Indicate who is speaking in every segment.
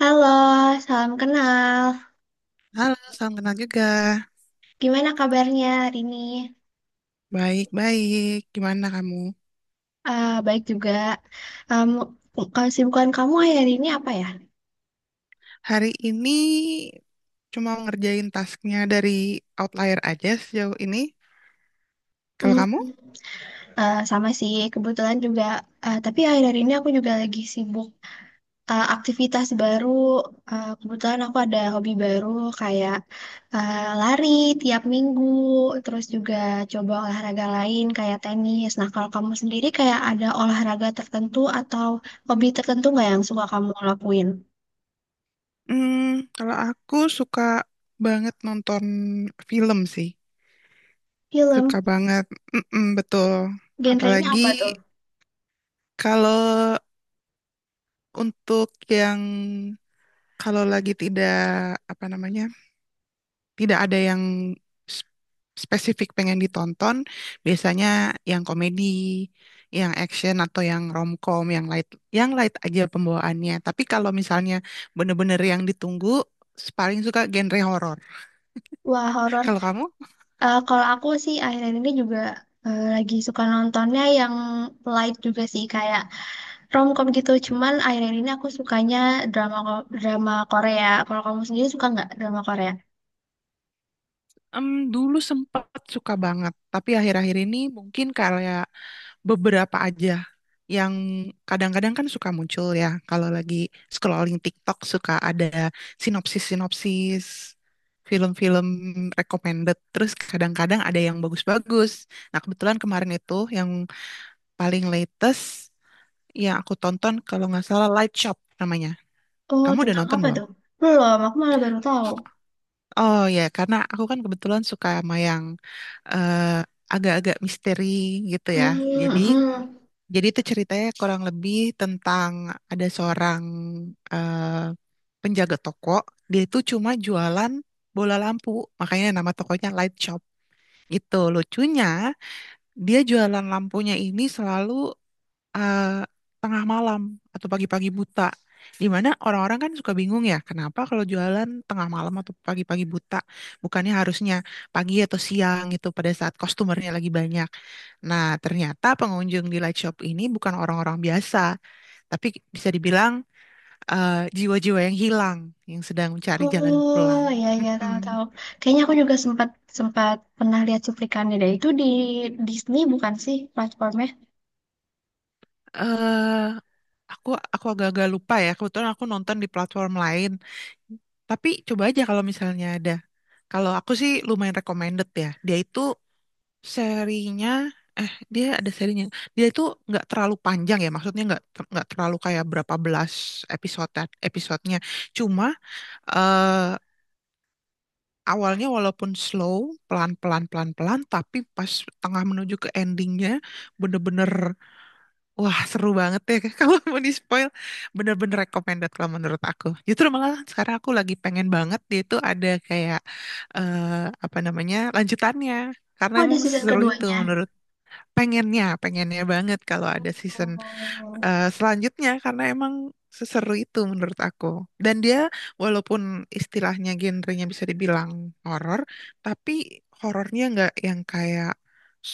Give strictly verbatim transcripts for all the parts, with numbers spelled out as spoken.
Speaker 1: Halo, salam kenal.
Speaker 2: Halo, salam kenal juga.
Speaker 1: Gimana kabarnya hari ini?
Speaker 2: Baik-baik, gimana kamu?
Speaker 1: Ah, baik juga. Um, kesibukan kamu akhir ini apa ya?
Speaker 2: Hari ini cuma ngerjain tasknya dari Outlier aja sejauh ini. Kalau
Speaker 1: Hmm,
Speaker 2: kamu?
Speaker 1: eh, sama sih, kebetulan juga. Eh, tapi akhir ini aku juga lagi sibuk eh, aktivitas baru. Eh, kebetulan aku ada hobi baru kayak eh, lari tiap minggu, terus juga coba olahraga lain kayak tenis. Nah, kalau kamu sendiri kayak ada olahraga tertentu atau hobi tertentu nggak yang suka kamu lakuin?
Speaker 2: Hmm, kalau aku suka banget nonton film sih. Suka
Speaker 1: Film,
Speaker 2: banget. Mm-mm, betul.
Speaker 1: genrenya
Speaker 2: Apalagi
Speaker 1: apa tuh?
Speaker 2: kalau untuk yang kalau lagi tidak, apa namanya, tidak ada yang s- spesifik pengen ditonton. Biasanya yang komedi, yang action atau yang romcom, yang light, yang light aja pembawaannya. Tapi kalau misalnya bener-bener yang ditunggu, paling suka genre horor.
Speaker 1: Wah, horor.
Speaker 2: Kalau kamu?
Speaker 1: Eh, kalau aku sih akhir-akhir ini juga eh, lagi suka nontonnya yang light juga sih, kayak romcom gitu. Cuman akhir-akhir ini aku sukanya drama ko- drama Korea. Kalau kamu sendiri suka nggak drama Korea?
Speaker 2: Em, Dulu sempat suka banget, tapi akhir-akhir ini mungkin kayak beberapa aja yang kadang-kadang kan suka muncul ya kalau lagi scrolling TikTok suka ada sinopsis-sinopsis film-film recommended terus kadang-kadang ada yang bagus-bagus. Nah, kebetulan kemarin itu yang paling latest yang aku tonton kalau nggak salah Light Shop namanya.
Speaker 1: Oh,
Speaker 2: Kamu udah
Speaker 1: tentang
Speaker 2: nonton
Speaker 1: apa
Speaker 2: belum?
Speaker 1: tuh? Belum, aku malah baru tahu.
Speaker 2: Oh ya, karena aku kan kebetulan suka sama yang eh, agak-agak misteri gitu ya.
Speaker 1: Hmm, hmm,
Speaker 2: Jadi
Speaker 1: hmm.
Speaker 2: Jadi itu ceritanya kurang lebih tentang ada seorang eh, penjaga toko. Dia itu cuma jualan bola lampu, makanya nama tokonya Light Shop. Gitu lucunya, dia jualan lampunya ini selalu eh, tengah malam atau pagi-pagi buta. Dimana orang-orang kan suka bingung ya, kenapa kalau jualan tengah malam atau pagi-pagi buta, bukannya harusnya pagi atau siang gitu pada saat customernya lagi banyak. Nah, ternyata pengunjung di light shop ini bukan orang-orang biasa, tapi bisa dibilang eh, jiwa-jiwa yang hilang, yang sedang mencari jalan
Speaker 1: Oh,
Speaker 2: pulang.
Speaker 1: ya ya,
Speaker 2: Mm-mm.
Speaker 1: tahu-tahu. Kayaknya aku juga sempat sempat pernah lihat cuplikannya deh. Itu di Disney bukan sih platformnya?
Speaker 2: Eh, aku aku agak-agak lupa ya, kebetulan aku nonton di platform lain. Tapi coba aja kalau misalnya ada. Kalau aku sih lumayan recommended ya. Dia itu serinya, eh dia ada serinya. Dia itu nggak terlalu panjang ya, maksudnya nggak ter- nggak terlalu kayak berapa belas episode episodenya. Cuma eh awalnya walaupun slow, pelan-pelan, pelan-pelan, tapi pas tengah menuju ke endingnya, bener-bener, wah seru banget ya. Kalau mau di-spoil, bener-bener recommended kalau menurut aku. Justru malah sekarang aku lagi pengen banget dia itu ada kayak, eh, apa namanya, lanjutannya. Karena
Speaker 1: Oh, ada
Speaker 2: emang
Speaker 1: season
Speaker 2: seru itu
Speaker 1: keduanya.
Speaker 2: menurut pengennya, pengennya banget kalau ada season
Speaker 1: Oh,
Speaker 2: eh, selanjutnya karena emang seseru itu menurut aku. Dan dia walaupun istilahnya genrenya bisa dibilang horor, tapi horornya nggak yang kayak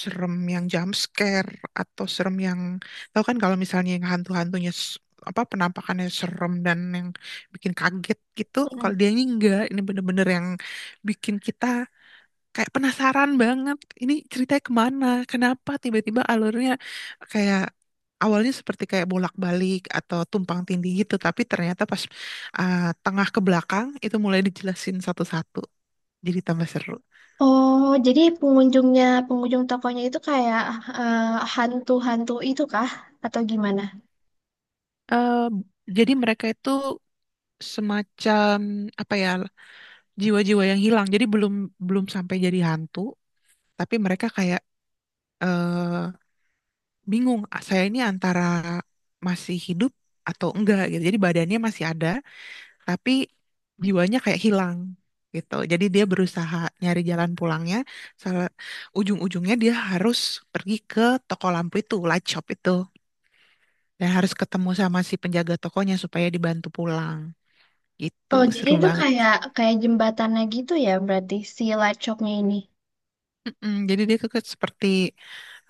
Speaker 2: serem yang jump scare atau serem yang tahu kan kalau misalnya yang hantu-hantunya s- apa penampakannya serem dan yang bikin kaget gitu. Kalau dia ini enggak, ini bener-bener yang bikin kita kayak penasaran banget ini ceritanya kemana, kenapa tiba-tiba alurnya kayak awalnya seperti kayak bolak-balik atau tumpang tindih gitu tapi ternyata pas uh, tengah ke belakang itu mulai dijelasin satu-satu jadi tambah seru.
Speaker 1: oh, jadi pengunjungnya, pengunjung tokonya itu kayak eh, hantu-hantu itu kah? Atau gimana?
Speaker 2: Eh, jadi mereka itu semacam, apa ya, jiwa-jiwa yang hilang, jadi belum belum sampai jadi hantu, tapi mereka kayak eh, bingung, "Ah, saya ini antara masih hidup atau enggak" gitu. Jadi badannya masih ada tapi jiwanya kayak hilang gitu. Jadi dia berusaha nyari jalan pulangnya. Salah ujung-ujungnya dia harus pergi ke toko lampu itu, light shop itu, dan harus ketemu sama si penjaga tokonya supaya dibantu pulang. Gitu,
Speaker 1: Oh, jadi
Speaker 2: seru
Speaker 1: itu
Speaker 2: banget.
Speaker 1: kayak kayak jembatannya gitu ya berarti si light shopnya ini.
Speaker 2: Mm-mm, jadi dia ke ke- seperti,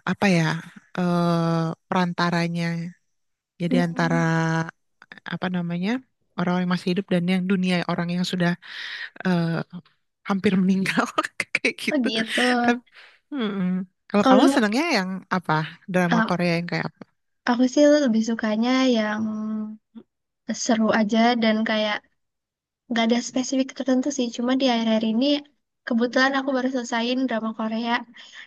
Speaker 2: apa ya, eh, perantaranya. Jadi antara,
Speaker 1: Hmm.
Speaker 2: apa namanya, orang yang masih hidup dan yang dunia orang yang sudah eh, hampir meninggal kayak
Speaker 1: Oh
Speaker 2: gitu.
Speaker 1: gitu.
Speaker 2: Tapi mm-mm. Kalau kamu
Speaker 1: Kalau
Speaker 2: senangnya yang apa? Drama
Speaker 1: eh,
Speaker 2: Korea yang kayak apa?
Speaker 1: aku sih lebih sukanya yang seru aja dan kayak nggak ada spesifik tertentu sih, cuma di akhir-akhir ini kebetulan aku baru selesaiin drama Korea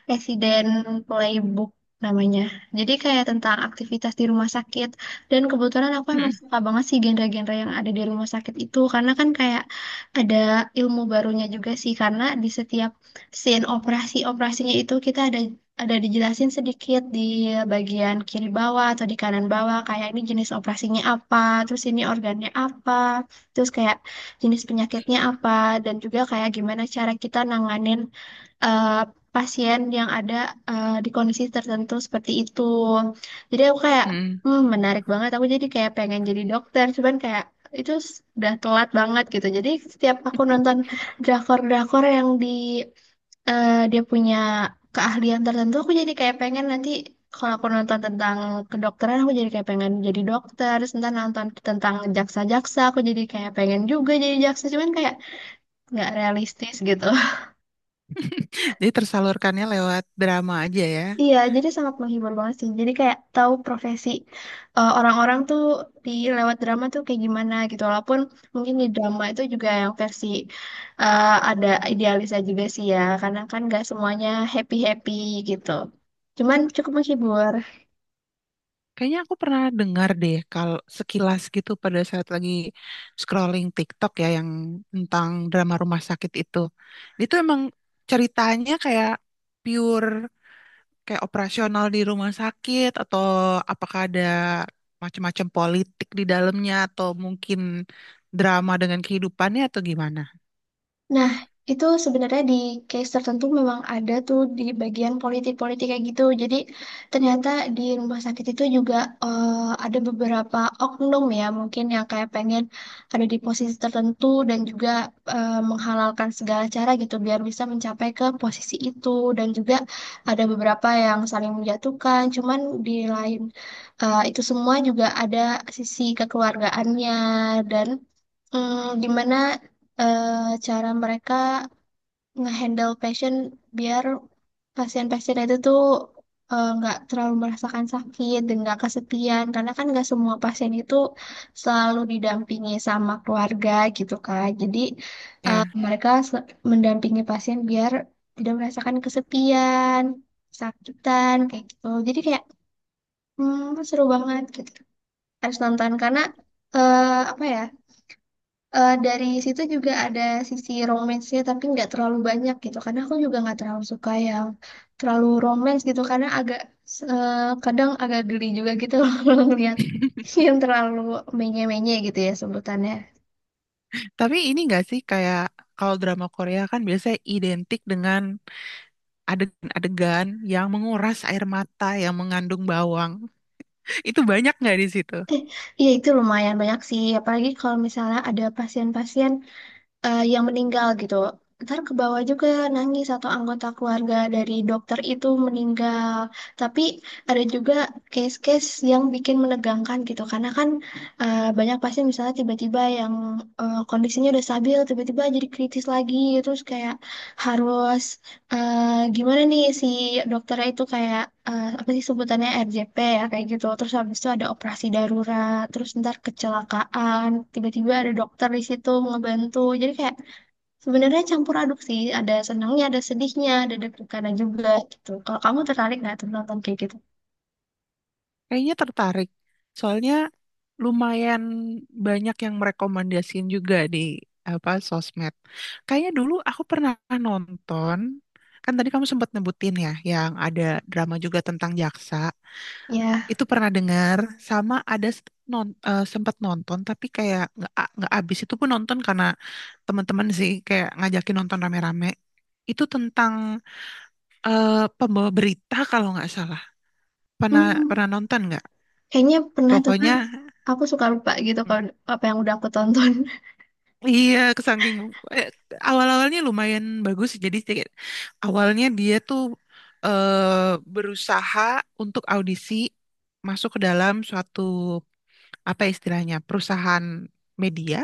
Speaker 1: Resident Playbook namanya, jadi kayak tentang aktivitas di rumah sakit. Dan kebetulan aku emang
Speaker 2: Mm-mm.
Speaker 1: suka banget sih genre-genre yang ada di rumah sakit itu karena kan kayak ada ilmu barunya juga sih, karena di setiap scene operasi-operasinya itu kita ada ada dijelasin sedikit di bagian kiri bawah atau di kanan bawah kayak ini jenis operasinya apa, terus ini organnya apa, terus kayak jenis penyakitnya apa, dan juga kayak gimana cara kita nanganin eh, pasien yang ada eh, di kondisi tertentu seperti itu. Jadi aku kayak,
Speaker 2: Mm.
Speaker 1: hmm, menarik banget. Aku jadi kayak pengen jadi dokter, cuman kayak itu s- udah telat banget gitu. Jadi setiap aku nonton drakor-drakor yang di eh, dia punya keahlian tertentu aku jadi kayak pengen nanti kalau aku nonton tentang kedokteran aku jadi kayak pengen jadi dokter, terus ntar nonton tentang jaksa-jaksa aku jadi kayak pengen juga jadi jaksa, cuman kayak nggak realistis gitu.
Speaker 2: Jadi tersalurkannya lewat drama aja ya.
Speaker 1: Iya, jadi sangat menghibur banget sih, jadi kayak tahu profesi eh, orang-orang tuh di lewat drama tuh kayak gimana gitu, walaupun mungkin di drama itu juga yang versi eh, ada idealisnya juga sih ya, karena kan nggak semuanya happy-happy gitu, cuman cukup menghibur.
Speaker 2: Kayaknya aku pernah dengar deh kalau sekilas gitu pada saat lagi scrolling TikTok ya yang tentang drama rumah sakit itu. Itu emang ceritanya kayak pure kayak operasional di rumah sakit atau apakah ada macam-macam politik di dalamnya atau mungkin drama dengan kehidupannya atau gimana?
Speaker 1: Nah, itu sebenarnya di case tertentu memang ada tuh di bagian politik-politik kayak gitu. Jadi ternyata di rumah sakit itu juga eh, ada beberapa oknum ya mungkin yang kayak pengen ada di posisi tertentu dan juga eh, menghalalkan segala cara gitu biar bisa mencapai ke posisi itu. Dan juga ada beberapa yang saling menjatuhkan. Cuman di lain eh, itu semua juga ada sisi kekeluargaannya dan dimana eh, cara mereka ngehandle pasien biar pasien-pasien itu tuh eh, nggak terlalu merasakan sakit dan nggak kesepian, karena kan nggak semua pasien itu selalu didampingi sama keluarga gitu kan. Jadi eh,
Speaker 2: Ya.
Speaker 1: mereka se- mendampingi pasien biar tidak merasakan kesepian sakitan kayak gitu, jadi kayak hmm, seru banget gitu harus nonton karena eh, apa ya. Eh, dari situ juga ada sisi romance-nya tapi nggak terlalu banyak gitu, karena aku juga nggak terlalu suka yang terlalu romance gitu karena agak eh, kadang agak geli juga gitu loh kalau ngeliat yang terlalu menye-menye gitu ya sebutannya.
Speaker 2: Tapi ini nggak sih kayak kalau drama Korea kan biasanya identik dengan adegan-adegan yang menguras air mata yang mengandung bawang. Itu banyak nggak di situ?
Speaker 1: Eh, Iya itu lumayan banyak sih apalagi kalau misalnya ada pasien-pasien eh, yang meninggal gitu. Ntar ke bawah juga nangis atau anggota keluarga dari dokter itu meninggal. Tapi ada juga case-case yang bikin menegangkan gitu. Karena kan eh, banyak pasien misalnya tiba-tiba yang eh, kondisinya udah stabil, tiba-tiba jadi kritis lagi. Terus kayak harus eh gimana nih si dokternya itu kayak eh, apa sih sebutannya R J P ya kayak gitu, terus habis itu ada operasi darurat, terus ntar kecelakaan tiba-tiba ada dokter di situ ngebantu, jadi kayak sebenarnya campur aduk sih, ada senangnya ada sedihnya ada deg-degannya juga gitu. Kalau kamu tertarik nggak tuh nonton kayak gitu?
Speaker 2: Kayaknya tertarik. Soalnya lumayan banyak yang merekomendasiin juga di apa sosmed. Kayaknya dulu aku pernah nonton, kan tadi kamu sempat nyebutin ya, yang ada drama juga tentang jaksa.
Speaker 1: Ya,
Speaker 2: Itu pernah dengar sama ada s- non, eh, sempat nonton tapi kayak nggak a- nggak abis itu pun nonton karena teman-teman sih kayak ngajakin nonton rame-rame. Itu tentang eh, pembawa berita kalau nggak salah. Pernah
Speaker 1: hmm,
Speaker 2: Pernah nonton nggak?
Speaker 1: kayaknya pernah tuh kan,
Speaker 2: Pokoknya
Speaker 1: aku suka lupa gitu
Speaker 2: mm,
Speaker 1: kalau apa yang udah aku tonton.
Speaker 2: iya kesangking eh, awal-awalnya lumayan bagus jadi kayak awalnya dia tuh eh, berusaha untuk audisi masuk ke dalam suatu apa istilahnya perusahaan media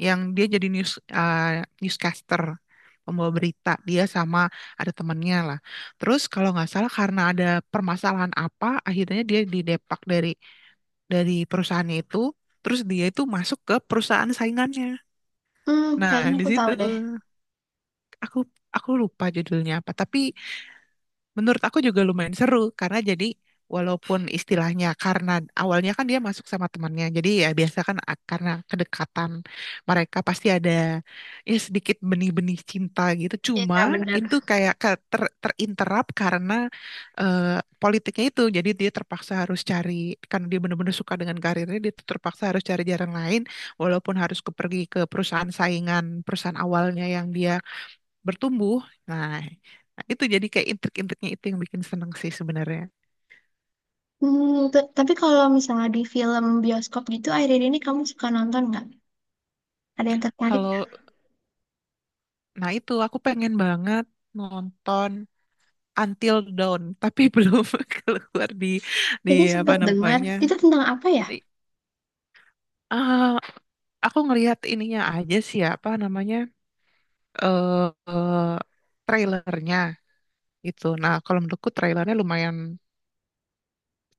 Speaker 2: yang dia jadi news eh, newscaster pembawa berita dia sama ada temannya lah terus kalau nggak salah karena ada permasalahan apa akhirnya dia didepak dari dari perusahaannya itu terus dia itu masuk ke perusahaan saingannya.
Speaker 1: Hmm,
Speaker 2: Nah,
Speaker 1: kayaknya
Speaker 2: di
Speaker 1: aku tahu
Speaker 2: situ
Speaker 1: deh.
Speaker 2: aku aku lupa judulnya apa, tapi menurut aku juga lumayan seru karena jadi walaupun istilahnya karena awalnya kan dia masuk sama temannya, jadi ya biasa kan a- karena kedekatan mereka pasti ada ya sedikit benih-benih cinta gitu.
Speaker 1: Iya
Speaker 2: Cuma
Speaker 1: bener.
Speaker 2: itu kayak ke- ter, terinterap karena eh, politiknya itu, jadi dia terpaksa harus cari karena dia benar-benar suka dengan karirnya, dia tuh terpaksa harus cari jalan lain walaupun harus ke- pergi ke perusahaan saingan perusahaan awalnya yang dia bertumbuh. Nah, nah, itu jadi kayak intrik-intriknya itu yang bikin seneng sih sebenarnya.
Speaker 1: Hmm, t- tapi kalau misalnya di film bioskop gitu, akhir-akhir ini kamu suka nonton nggak? Ada yang tertarik?
Speaker 2: Kalau, nah itu aku pengen banget nonton Until Dawn, tapi belum keluar di di
Speaker 1: Kayaknya
Speaker 2: apa
Speaker 1: sempet dengar.
Speaker 2: namanya?
Speaker 1: Itu tentang apa ya?
Speaker 2: Di- ah, aku ngelihat ininya aja sih ya, apa namanya? eh eh, Trailernya gitu. Nah, kalau menurutku trailernya lumayan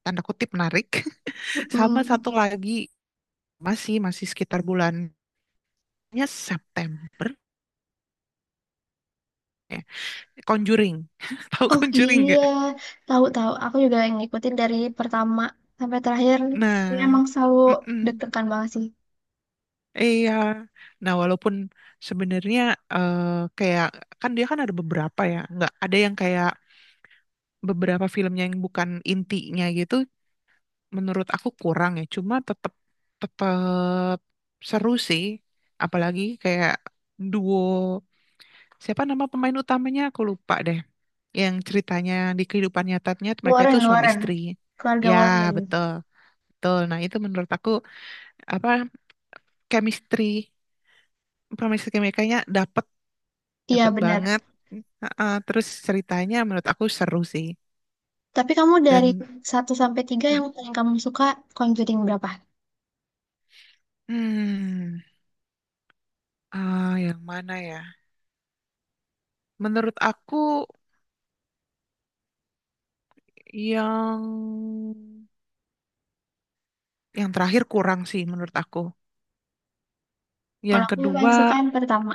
Speaker 2: tanda kutip menarik. Sama satu
Speaker 1: Mm-mm.
Speaker 2: lagi masih masih sekitar bulannya September. Ya. Conjuring. Tahu
Speaker 1: Oh
Speaker 2: Conjuring
Speaker 1: iya,
Speaker 2: nggak?
Speaker 1: tahu-tahu. Aku juga yang ngikutin dari pertama sampai terakhir.
Speaker 2: Nah,
Speaker 1: Emang selalu
Speaker 2: mm-mm.
Speaker 1: deg-degan banget sih.
Speaker 2: Iya. Nah, walaupun sebenarnya eh, kayak kan dia kan ada beberapa ya, nggak ada yang kayak beberapa filmnya yang bukan intinya gitu. Menurut aku kurang ya. Cuma tetap tetap seru sih. Apalagi kayak duo siapa nama pemain utamanya aku lupa deh. Yang ceritanya di kehidupan nyatanya mereka itu
Speaker 1: Warren,
Speaker 2: suami
Speaker 1: Warren.
Speaker 2: istri.
Speaker 1: Keluarga
Speaker 2: Ya,
Speaker 1: Warren.
Speaker 2: betul. Betul. Nah, itu menurut aku apa chemistry chemistry mereka-nya dapet,
Speaker 1: Iya
Speaker 2: dapet
Speaker 1: benar.
Speaker 2: banget. Heeh, terus ceritanya menurut aku seru sih
Speaker 1: Tapi kamu dari
Speaker 2: dan
Speaker 1: satu sampai tiga yang paling kamu suka Conjuring berapa?
Speaker 2: hmm, ah, yang mana ya, menurut aku yang yang terakhir kurang sih menurut aku,
Speaker 1: Kalau
Speaker 2: yang
Speaker 1: aku yang paling
Speaker 2: kedua
Speaker 1: suka yang pertama.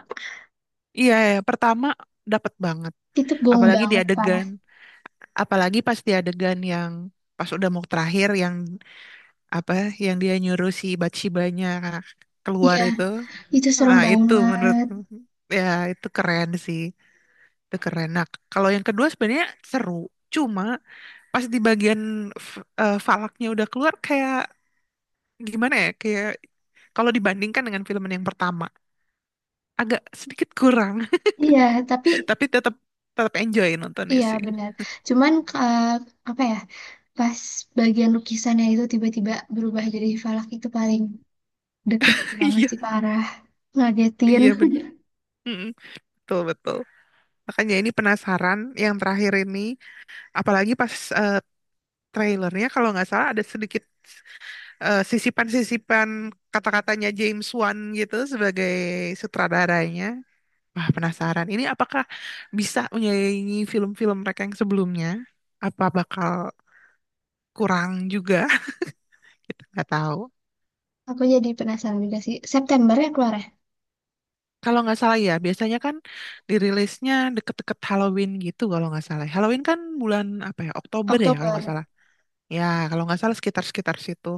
Speaker 2: iya ya pertama dapat banget.
Speaker 1: Itu gong
Speaker 2: Apalagi di
Speaker 1: banget parah.
Speaker 2: adegan apalagi pas di adegan yang pas udah mau terakhir yang apa, yang dia nyuruh si Bathsheba-nya keluar
Speaker 1: Iya,
Speaker 2: itu.
Speaker 1: itu serem
Speaker 2: Ah, itu menurut,
Speaker 1: banget.
Speaker 2: ya itu keren sih. Itu keren. Nah, kalau yang kedua sebenarnya seru. Cuma pas di bagian f- eh, falaknya udah keluar kayak gimana ya? Kayak kalau dibandingkan dengan film yang pertama agak sedikit kurang,
Speaker 1: Iya, tapi
Speaker 2: tapi tetap tetap enjoy nontonnya
Speaker 1: iya
Speaker 2: sih.
Speaker 1: benar. Cuman eh, apa ya? Pas bagian lukisannya itu tiba-tiba berubah jadi falak itu paling deg-degan banget
Speaker 2: Iya,
Speaker 1: sih parah. Ngagetin.
Speaker 2: iya bener. Mm-mm, betul, betul. Makanya ini penasaran yang terakhir ini apalagi pas eh, trailernya kalau nggak salah ada sedikit eh, sisipan-sisipan kata-katanya James Wan gitu sebagai sutradaranya. Wah, penasaran. Ini apakah bisa menyaingi film-film mereka yang sebelumnya? Apa bakal kurang juga? Kita nggak tahu.
Speaker 1: Aku jadi penasaran juga sih. September ya keluar ya?
Speaker 2: Kalau nggak salah ya, biasanya kan dirilisnya deket-deket Halloween gitu kalau nggak salah. Halloween kan bulan apa ya? Oktober ya kalau nggak
Speaker 1: Oktober.
Speaker 2: salah. Ya, kalau nggak salah sekitar-sekitar situ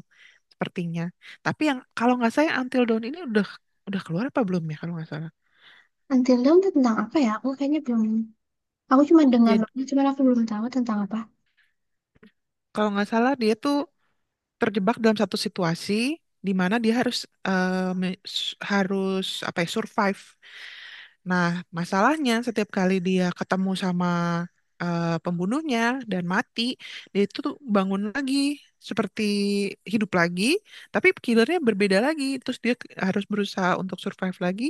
Speaker 2: sepertinya. Tapi yang kalau nggak salah yang Until Dawn ini udah udah keluar apa belum ya kalau nggak salah.
Speaker 1: Until Dawn tuh tentang apa ya? Aku kayaknya belum. Aku cuma dengar doang, cuman aku belum tahu tentang apa.
Speaker 2: Kalau nggak salah dia tuh terjebak dalam satu situasi di mana dia harus eh, me- s- harus apa ya survive. Nah, masalahnya setiap kali dia ketemu sama eh, pembunuhnya dan mati, dia itu tuh bangun lagi seperti hidup lagi, tapi killernya berbeda lagi. Terus dia ke- harus berusaha untuk survive lagi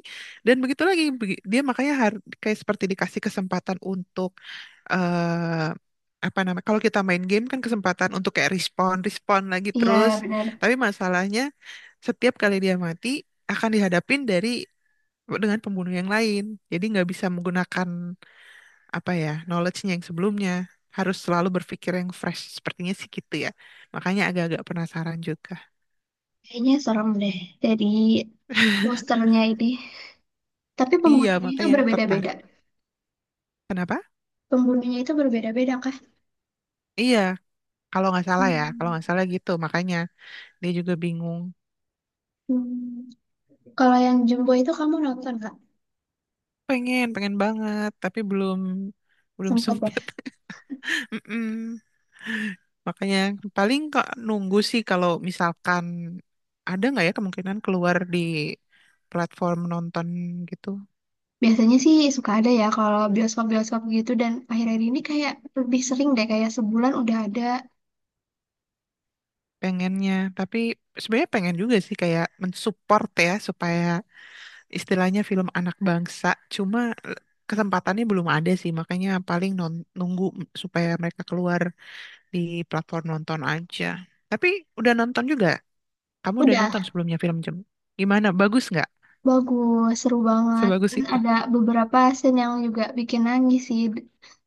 Speaker 2: dan begitu lagi. Begi- dia makanya har- kayak seperti dikasih kesempatan untuk eh, apa namanya? Kalau kita main game kan kesempatan untuk kayak respon, respon lagi terus.
Speaker 1: Iya, benar.
Speaker 2: Tapi masalahnya setiap kali dia mati akan dihadapin dari dengan pembunuh yang lain. Jadi nggak bisa menggunakan apa ya knowledge-nya yang sebelumnya. Harus selalu berpikir yang fresh. Sepertinya sih gitu ya. Makanya agak-agak penasaran juga.
Speaker 1: Kayaknya serem deh. Jadi posternya ini. Tapi
Speaker 2: Iya,
Speaker 1: pembunuhnya itu
Speaker 2: makanya
Speaker 1: berbeda-beda.
Speaker 2: tertarik. Kenapa?
Speaker 1: Pembunuhnya itu berbeda-beda kah?
Speaker 2: Iya, kalau nggak salah ya, kalau
Speaker 1: Hmm.
Speaker 2: nggak salah gitu. Makanya dia juga bingung.
Speaker 1: Hmm, kalau yang Jumbo itu kamu nonton nggak?
Speaker 2: Pengen, pengen banget, tapi belum belum
Speaker 1: Sempet ya?
Speaker 2: sempet. Mm-mm. Makanya paling kok nunggu sih kalau misalkan ada nggak ya kemungkinan keluar di platform nonton gitu.
Speaker 1: Biasanya sih suka ada ya kalau bioskop-bioskop gitu, dan akhir-akhir ini kayak lebih sering deh kayak sebulan udah ada.
Speaker 2: Pengennya tapi sebenarnya pengen juga sih kayak mensupport ya supaya istilahnya film anak bangsa cuma eh, kesempatannya belum ada sih makanya paling non- nunggu supaya mereka keluar di platform nonton aja. Tapi udah nonton juga, kamu udah nonton
Speaker 1: Udah,
Speaker 2: sebelumnya film Jem, gimana bagus nggak,
Speaker 1: bagus, seru banget.
Speaker 2: sebagus
Speaker 1: Dan
Speaker 2: itu?
Speaker 1: ada beberapa scene yang juga bikin nangis sih.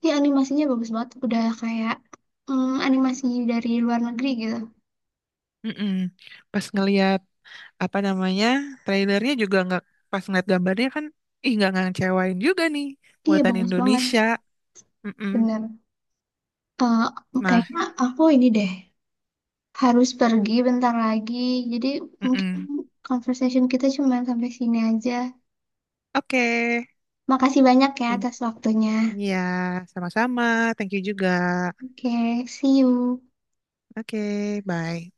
Speaker 1: Iya animasinya bagus banget. Udah kayak mm, animasi dari luar negeri gitu.
Speaker 2: Mm-mm. Pas ngelihat apa namanya trailernya juga nggak, pas ngeliat gambarnya kan ih nggak ngecewain juga nih
Speaker 1: Iya
Speaker 2: buatan
Speaker 1: bagus banget,
Speaker 2: Indonesia. Mm-mm.
Speaker 1: bener. Eh,
Speaker 2: Nah,
Speaker 1: kayaknya aku ini deh. Harus pergi bentar lagi. Jadi mungkin
Speaker 2: mm-mm.
Speaker 1: conversation kita cuma sampai sini aja.
Speaker 2: Oke,
Speaker 1: Makasih banyak ya
Speaker 2: thank-
Speaker 1: atas waktunya.
Speaker 2: iya, sama-sama. Thank you juga.
Speaker 1: Oke, see you.
Speaker 2: Oke, bye.